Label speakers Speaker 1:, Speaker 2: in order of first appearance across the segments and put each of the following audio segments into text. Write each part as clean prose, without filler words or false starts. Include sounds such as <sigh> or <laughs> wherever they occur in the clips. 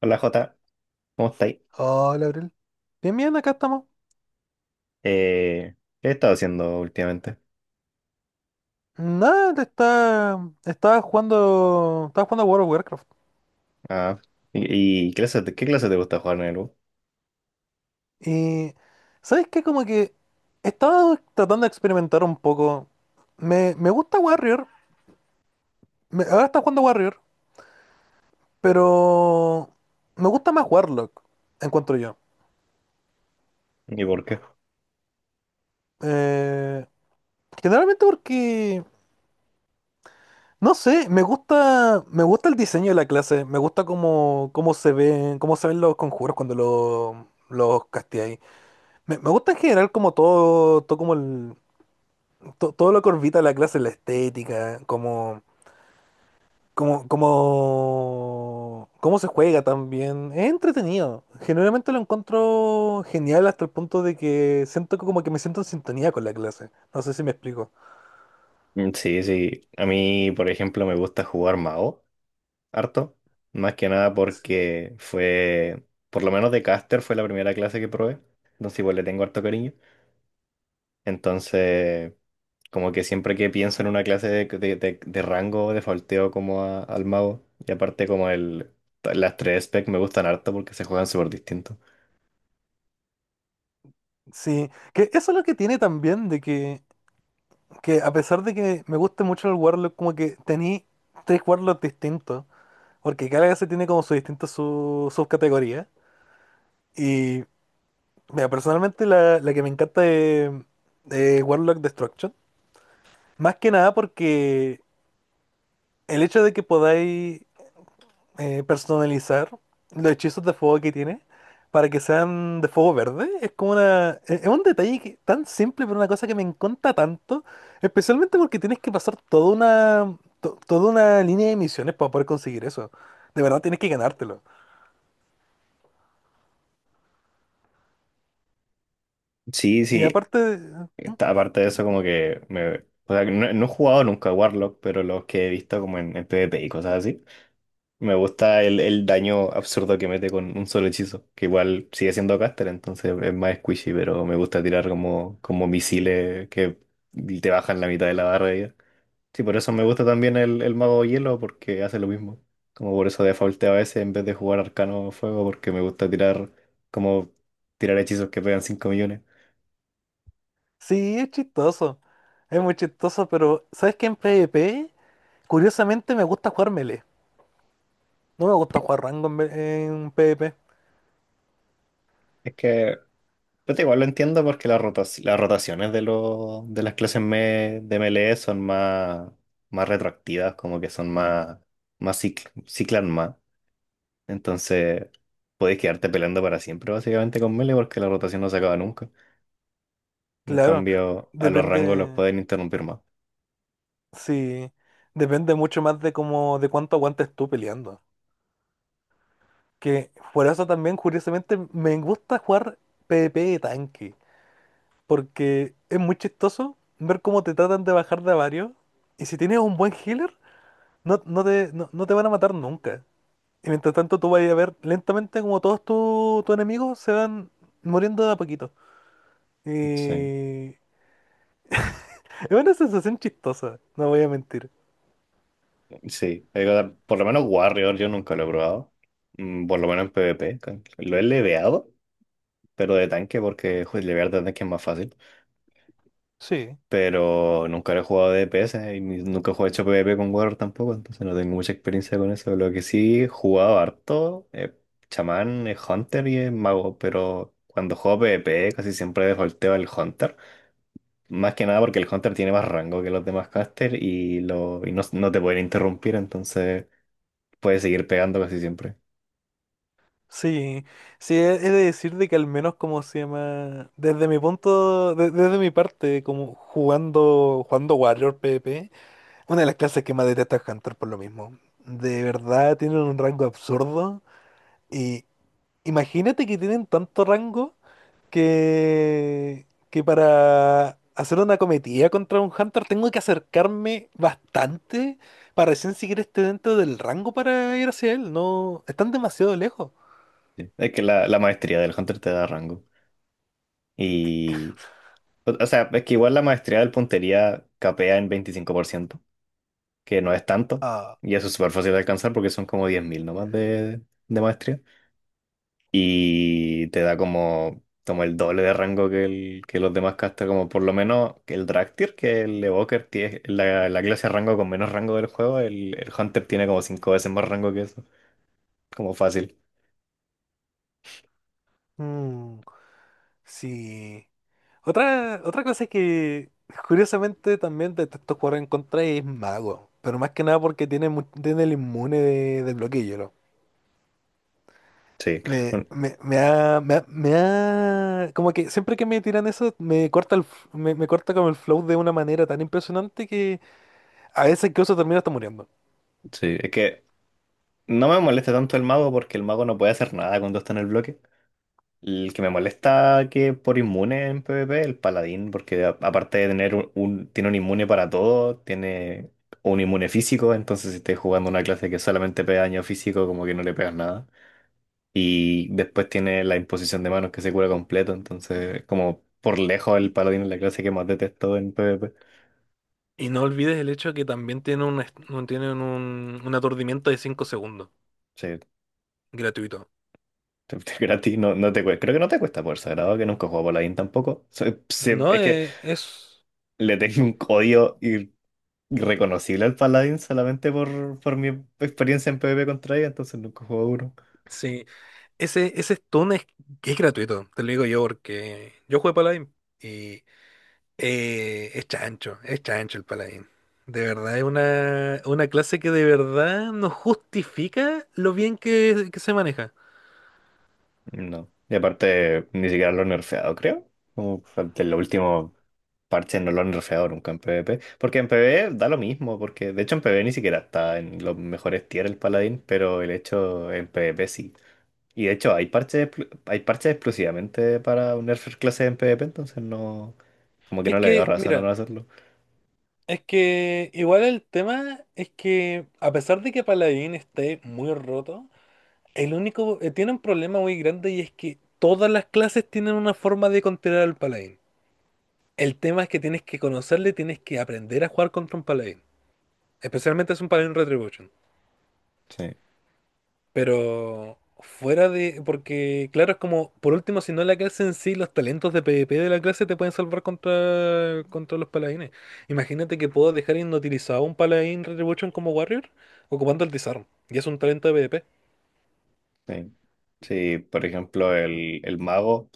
Speaker 1: Hola Jota, ¿cómo estáis?
Speaker 2: Hola, Abril. Bien, bien, acá estamos.
Speaker 1: Eh, ¿Qué he estado haciendo últimamente?
Speaker 2: Nada, estaba jugando a World of Warcraft.
Speaker 1: Ah, ¿y qué clase te gusta jugar en el U?
Speaker 2: Y, ¿sabes qué? Como que estaba tratando de experimentar un poco. Me gusta Warrior, ahora está jugando Warrior, pero me gusta más Warlock, encuentro yo.
Speaker 1: ¿Y por qué?
Speaker 2: Eh, Generalmente porque, no sé, me gusta el diseño de la clase, me gusta cómo se ven los conjuros cuando los casteáis. Me gusta en general como todo como todo lo que orbita la clase, la estética, cómo se juega también. Es entretenido. Generalmente lo encuentro genial hasta el punto de que siento que como que me siento en sintonía con la clase. No sé si me explico.
Speaker 1: Mm, sí, sí, a mí, por ejemplo, me gusta jugar mago, harto, más que nada
Speaker 2: S-
Speaker 1: porque fue, por lo menos de caster fue la primera clase que probé, entonces igual le tengo harto cariño, entonces como que siempre que pienso en una clase de rango, de falteo como al mago, y aparte como el, las tres specs me gustan harto porque se juegan súper distintos.
Speaker 2: Sí, que eso es lo que tiene también de que a pesar de que me guste mucho el Warlock, como que tení tres Warlocks distintos, porque cada clase tiene como su distinta su subcategoría. Mira, personalmente la que me encanta de Warlock Destruction, más que nada porque el hecho de que podáis personalizar los hechizos de fuego que tiene para que sean de fuego verde, es un detalle tan simple, pero una cosa que me encanta tanto, especialmente porque tienes que pasar toda una línea de misiones para poder conseguir eso. De verdad tienes que ganártelo.
Speaker 1: Sí,
Speaker 2: Y
Speaker 1: sí.
Speaker 2: aparte,
Speaker 1: Aparte de eso, como que me. O sea, no, no he jugado nunca a Warlock, pero los que he visto como en PvP y cosas así. Me gusta el daño absurdo que mete con un solo hechizo. Que igual sigue siendo caster, entonces es más squishy, pero me gusta tirar como, como misiles que te bajan la mitad de la barra de vida. Sí, por eso me gusta también el mago hielo, porque hace lo mismo. Como por eso defaulteo a veces en vez de jugar arcano fuego, porque me gusta tirar como tirar hechizos que pegan 5 millones.
Speaker 2: Sí, es chistoso. Es muy chistoso, pero ¿sabes qué? En PvP, curiosamente me gusta jugar melee. No me gusta jugar rango en PvP.
Speaker 1: Es que Pero igual lo entiendo porque las las rotaciones de, los de las clases de MLE son más, más retroactivas, como que son más, más ciclan más. Entonces, puedes quedarte peleando para siempre básicamente con Melee porque la rotación no se acaba nunca. En
Speaker 2: Claro,
Speaker 1: cambio, a los
Speaker 2: depende.
Speaker 1: rangos los pueden interrumpir más.
Speaker 2: Sí, depende mucho más de cuánto aguantes tú peleando. Que por eso también, curiosamente, me gusta jugar PvP de tanque. Porque es muy chistoso ver cómo te tratan de bajar de a varios. Y si tienes un buen healer. No, no te van a matar nunca. Y mientras tanto tú vas a ir a ver lentamente como todos tus enemigos se van muriendo de a poquito.
Speaker 1: Sí,
Speaker 2: Y es una sensación chistosa, no voy a mentir.
Speaker 1: sí. Digo, por lo menos Warrior yo nunca lo he probado. Mm, por lo menos en PvP. Lo he leveado, pero de tanque porque joder, levear de tanque es más fácil.
Speaker 2: Sí.
Speaker 1: Pero nunca lo he jugado de DPS y nunca he hecho PvP con Warrior tampoco, entonces no tengo mucha experiencia con eso. Lo que sí he jugado harto es chamán, es hunter y es mago, pero cuando juego PvP casi siempre defaulteo al hunter. Más que nada porque el hunter tiene más rango que los demás caster y, lo, y no, no te pueden interrumpir, entonces puedes seguir pegando casi siempre.
Speaker 2: Sí, sí, he de decir de que al menos como se llama, desde mi parte, como jugando Warrior PvP, una de las clases que más detesta es Hunter por lo mismo. De verdad tienen un rango absurdo y imagínate que tienen tanto rango que para hacer una cometida contra un Hunter tengo que acercarme bastante para recién siquiera esté dentro del rango para ir hacia él. No, están demasiado lejos.
Speaker 1: Sí. Es que la maestría del hunter te da rango. Y, o sea, es que igual la maestría del puntería capea en 25% que no es tanto,
Speaker 2: Ah,
Speaker 1: y eso es súper fácil de alcanzar porque son como 10.000 nomás de maestría, y te da como, como el doble de rango que, el, que los demás castas, como por lo menos que el Draktyr, que el Evoker tiene la, la clase de rango con menos rango del juego, el Hunter tiene como 5 veces más rango que eso, como fácil,
Speaker 2: mm, sí. Otra cosa que curiosamente también detesto jugar en contra es mago. Pero más que nada porque tiene el inmune del bloqueo.
Speaker 1: sí. Bueno,
Speaker 2: Como que siempre que me tiran eso, me corta como el flow de una manera tan impresionante que a veces incluso termino hasta muriendo.
Speaker 1: sí, es que no me molesta tanto el mago porque el mago no puede hacer nada cuando está en el bloque. El que me molesta que por inmune en PvP, el paladín, porque aparte de tener un, tiene un inmune para todo, tiene un inmune físico, entonces si estás jugando una clase que solamente pega daño físico, como que no le pegas nada. Y después tiene la imposición de manos que se cura completo, entonces como por lejos el paladín es la clase que más detesto en PvP.
Speaker 2: Y no olvides el hecho que también tienen un aturdimiento de 5 segundos,
Speaker 1: Sí, <laughs>
Speaker 2: gratuito.
Speaker 1: gratis, no, no te cuesta, creo que no te cuesta por sagrado, que nunca he jugado paladín tampoco.
Speaker 2: No,
Speaker 1: Es que le tengo un odio reconocible al paladín solamente por mi experiencia en PvP contra ella, entonces nunca jugué duro.
Speaker 2: sí, ese stun es, gratuito, te lo digo yo, porque yo jugué Paladín. Es chancho, es chancho el paladín. De verdad, es una clase que de verdad no justifica lo bien que se maneja.
Speaker 1: No. Y aparte, ni siquiera lo han nerfeado, creo. Como de los últimos parches no lo han nerfeado nunca en PvP. Porque en PvP da lo mismo, porque de hecho en PvP ni siquiera está en los mejores tier el paladín, pero el hecho en PvP sí. Y de hecho hay parches, hay parches exclusivamente para un nerfer clase en PvP, entonces no, como que no le veo razón a no
Speaker 2: Mira,
Speaker 1: hacerlo.
Speaker 2: es que igual el tema es que a pesar de que Paladín esté muy roto, tiene un problema muy grande y es que todas las clases tienen una forma de controlar al Paladín. El tema es que tienes que conocerle, tienes que aprender a jugar contra un Paladín. Especialmente es un Paladín Retribution.
Speaker 1: Sí,
Speaker 2: Porque claro, es como, por último, si no la clase en sí, los talentos de PvP de la clase te pueden salvar contra los paladines. Imagínate que puedo dejar inutilizado un paladín Retribution como Warrior ocupando el disarm. Y es un talento de PvP.
Speaker 1: sí. Sí, por ejemplo, el mago.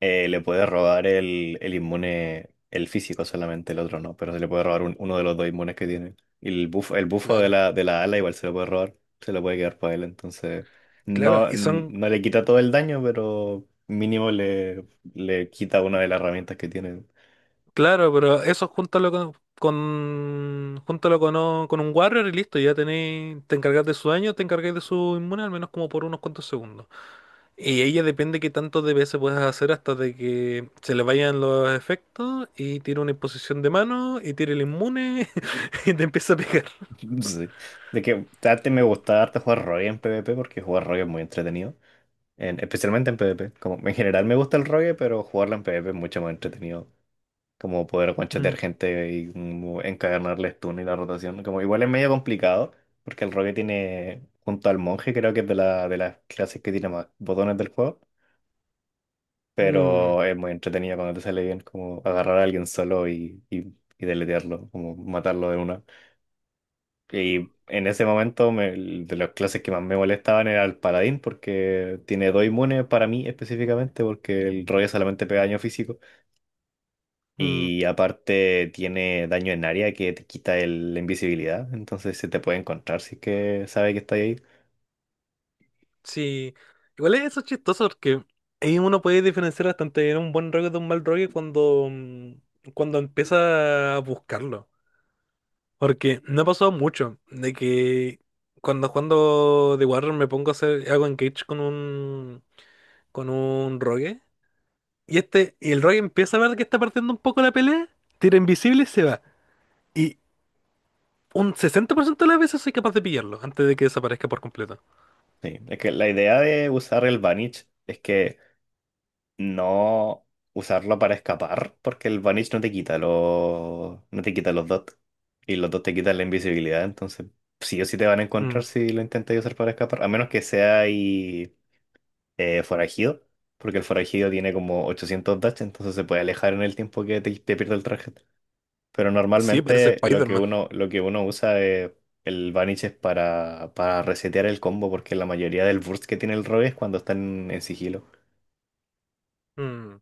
Speaker 1: Le puede robar el inmune, el físico solamente, el otro no, pero se le puede robar uno de los dos inmunes que tiene. Y el bufo de
Speaker 2: Claro.
Speaker 1: de la ala igual se lo puede robar, se lo puede quedar para él, entonces
Speaker 2: Claro,
Speaker 1: no, no le quita todo el daño, pero mínimo le quita una de las herramientas que tiene.
Speaker 2: Pero eso júntalo con, con un Warrior y listo, te encargás de su daño, te encargáis de su inmune al menos como por unos cuantos segundos. Y ella depende qué tantos DPS puedes hacer hasta de que se le vayan los efectos y tire una imposición de mano y tire el inmune <laughs> y te empieza a pegar.
Speaker 1: <laughs> Sí. De que antes me gustaba harto jugar Rogue en PvP porque jugar Rogue es muy entretenido, especialmente en PvP. Como, en general me gusta el Rogue, pero jugarla en PvP es mucho más entretenido. Como poder
Speaker 2: Mm,
Speaker 1: guanchetear gente y como encadenarles turno y la rotación. Como igual es medio complicado, porque el rogue tiene, junto al monje, creo que es de de las clases que tiene más botones del juego,
Speaker 2: mm,
Speaker 1: pero es muy entretenido cuando te sale bien, como agarrar a alguien solo y deletearlo, como matarlo de una. Y en ese momento, de las clases que más me molestaban era el paladín, porque tiene dos inmunes para mí específicamente, porque el rogue solamente pega daño físico.
Speaker 2: mm.
Speaker 1: Y aparte tiene daño en área que te quita la invisibilidad, entonces se te puede encontrar si es que sabe que está ahí.
Speaker 2: Sí, igual es eso chistoso porque ahí uno puede diferenciar bastante un buen rogue de un mal rogue cuando empieza a buscarlo. Porque me ha pasado mucho de que cuando jugando The Warrior me pongo a hacer, hago engage con un rogue. Y el rogue empieza a ver que está partiendo un poco la pelea, tira invisible y se va. Y un 60% de las veces soy capaz de pillarlo antes de que desaparezca por completo.
Speaker 1: Sí, es que la idea de usar el Vanish es que no usarlo para escapar, porque el Vanish no te quita los, no te quita los dots y los dots te quitan la invisibilidad, entonces sí o sí te van a encontrar
Speaker 2: Mm,
Speaker 1: si lo intentas usar para escapar, a menos que sea ahí forajido, porque el forajido tiene como 800 dash, entonces se puede alejar en el tiempo que te pierde el traje. Pero
Speaker 2: sí, parece
Speaker 1: normalmente
Speaker 2: Spider-Man.
Speaker 1: lo que uno usa es el Vanish es para resetear el combo, porque la mayoría del burst que tiene el Rogue es cuando están en sigilo.
Speaker 2: Mm,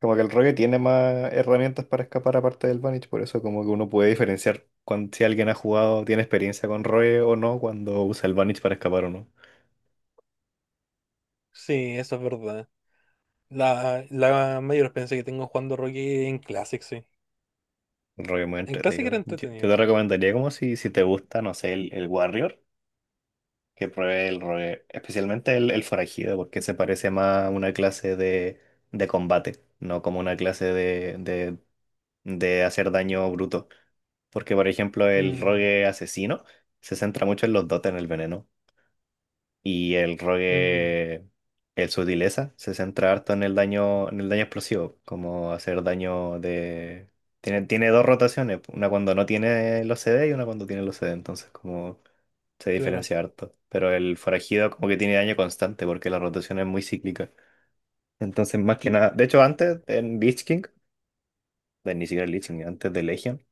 Speaker 1: Como que el Rogue tiene más herramientas para escapar aparte del Vanish, por eso como que uno puede diferenciar si alguien ha jugado, tiene experiencia con Rogue o no, cuando usa el Vanish para escapar o no.
Speaker 2: sí, eso es verdad. La mayor experiencia que tengo jugando rogue en Classic, sí.
Speaker 1: El Rogue es muy
Speaker 2: En Classic
Speaker 1: entretenido.
Speaker 2: era
Speaker 1: Yo
Speaker 2: entretenido.
Speaker 1: te recomendaría como si, si te gusta, no sé, el Warrior. Que pruebe el rogue, especialmente el forajido, porque se parece más a una clase de combate, no como una clase de hacer daño bruto. Porque, por ejemplo, el
Speaker 2: Mm,
Speaker 1: rogue asesino se centra mucho en los dotes, en el veneno, y el
Speaker 2: mm,
Speaker 1: rogue, el sutileza, se centra harto en el daño explosivo, como hacer daño de... Tiene, tiene dos rotaciones, una cuando no tiene los CD y una cuando tiene los CD, entonces como se
Speaker 2: claro.
Speaker 1: diferencia harto. Pero el forajido como que tiene daño constante porque la rotación es muy cíclica. Entonces, más que nada, de hecho, antes en Lich King, ni siquiera Lich King, antes de Legion,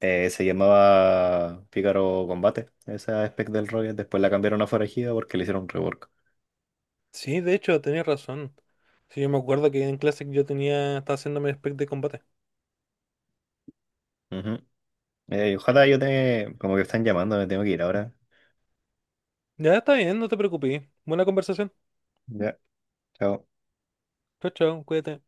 Speaker 1: se llamaba Pícaro Combate, esa spec del Rocket. Después la cambiaron a forajido porque le hicieron un rework.
Speaker 2: Sí, de hecho, tenías razón. Sí, yo me acuerdo que en clase estaba haciéndome spec de combate.
Speaker 1: Ujú. Ojalá yo te... como que están llamando, me tengo que ir ahora.
Speaker 2: Ya está bien, no te preocupes. Buena conversación.
Speaker 1: Ya, chao.
Speaker 2: Chao, chao, cuídate.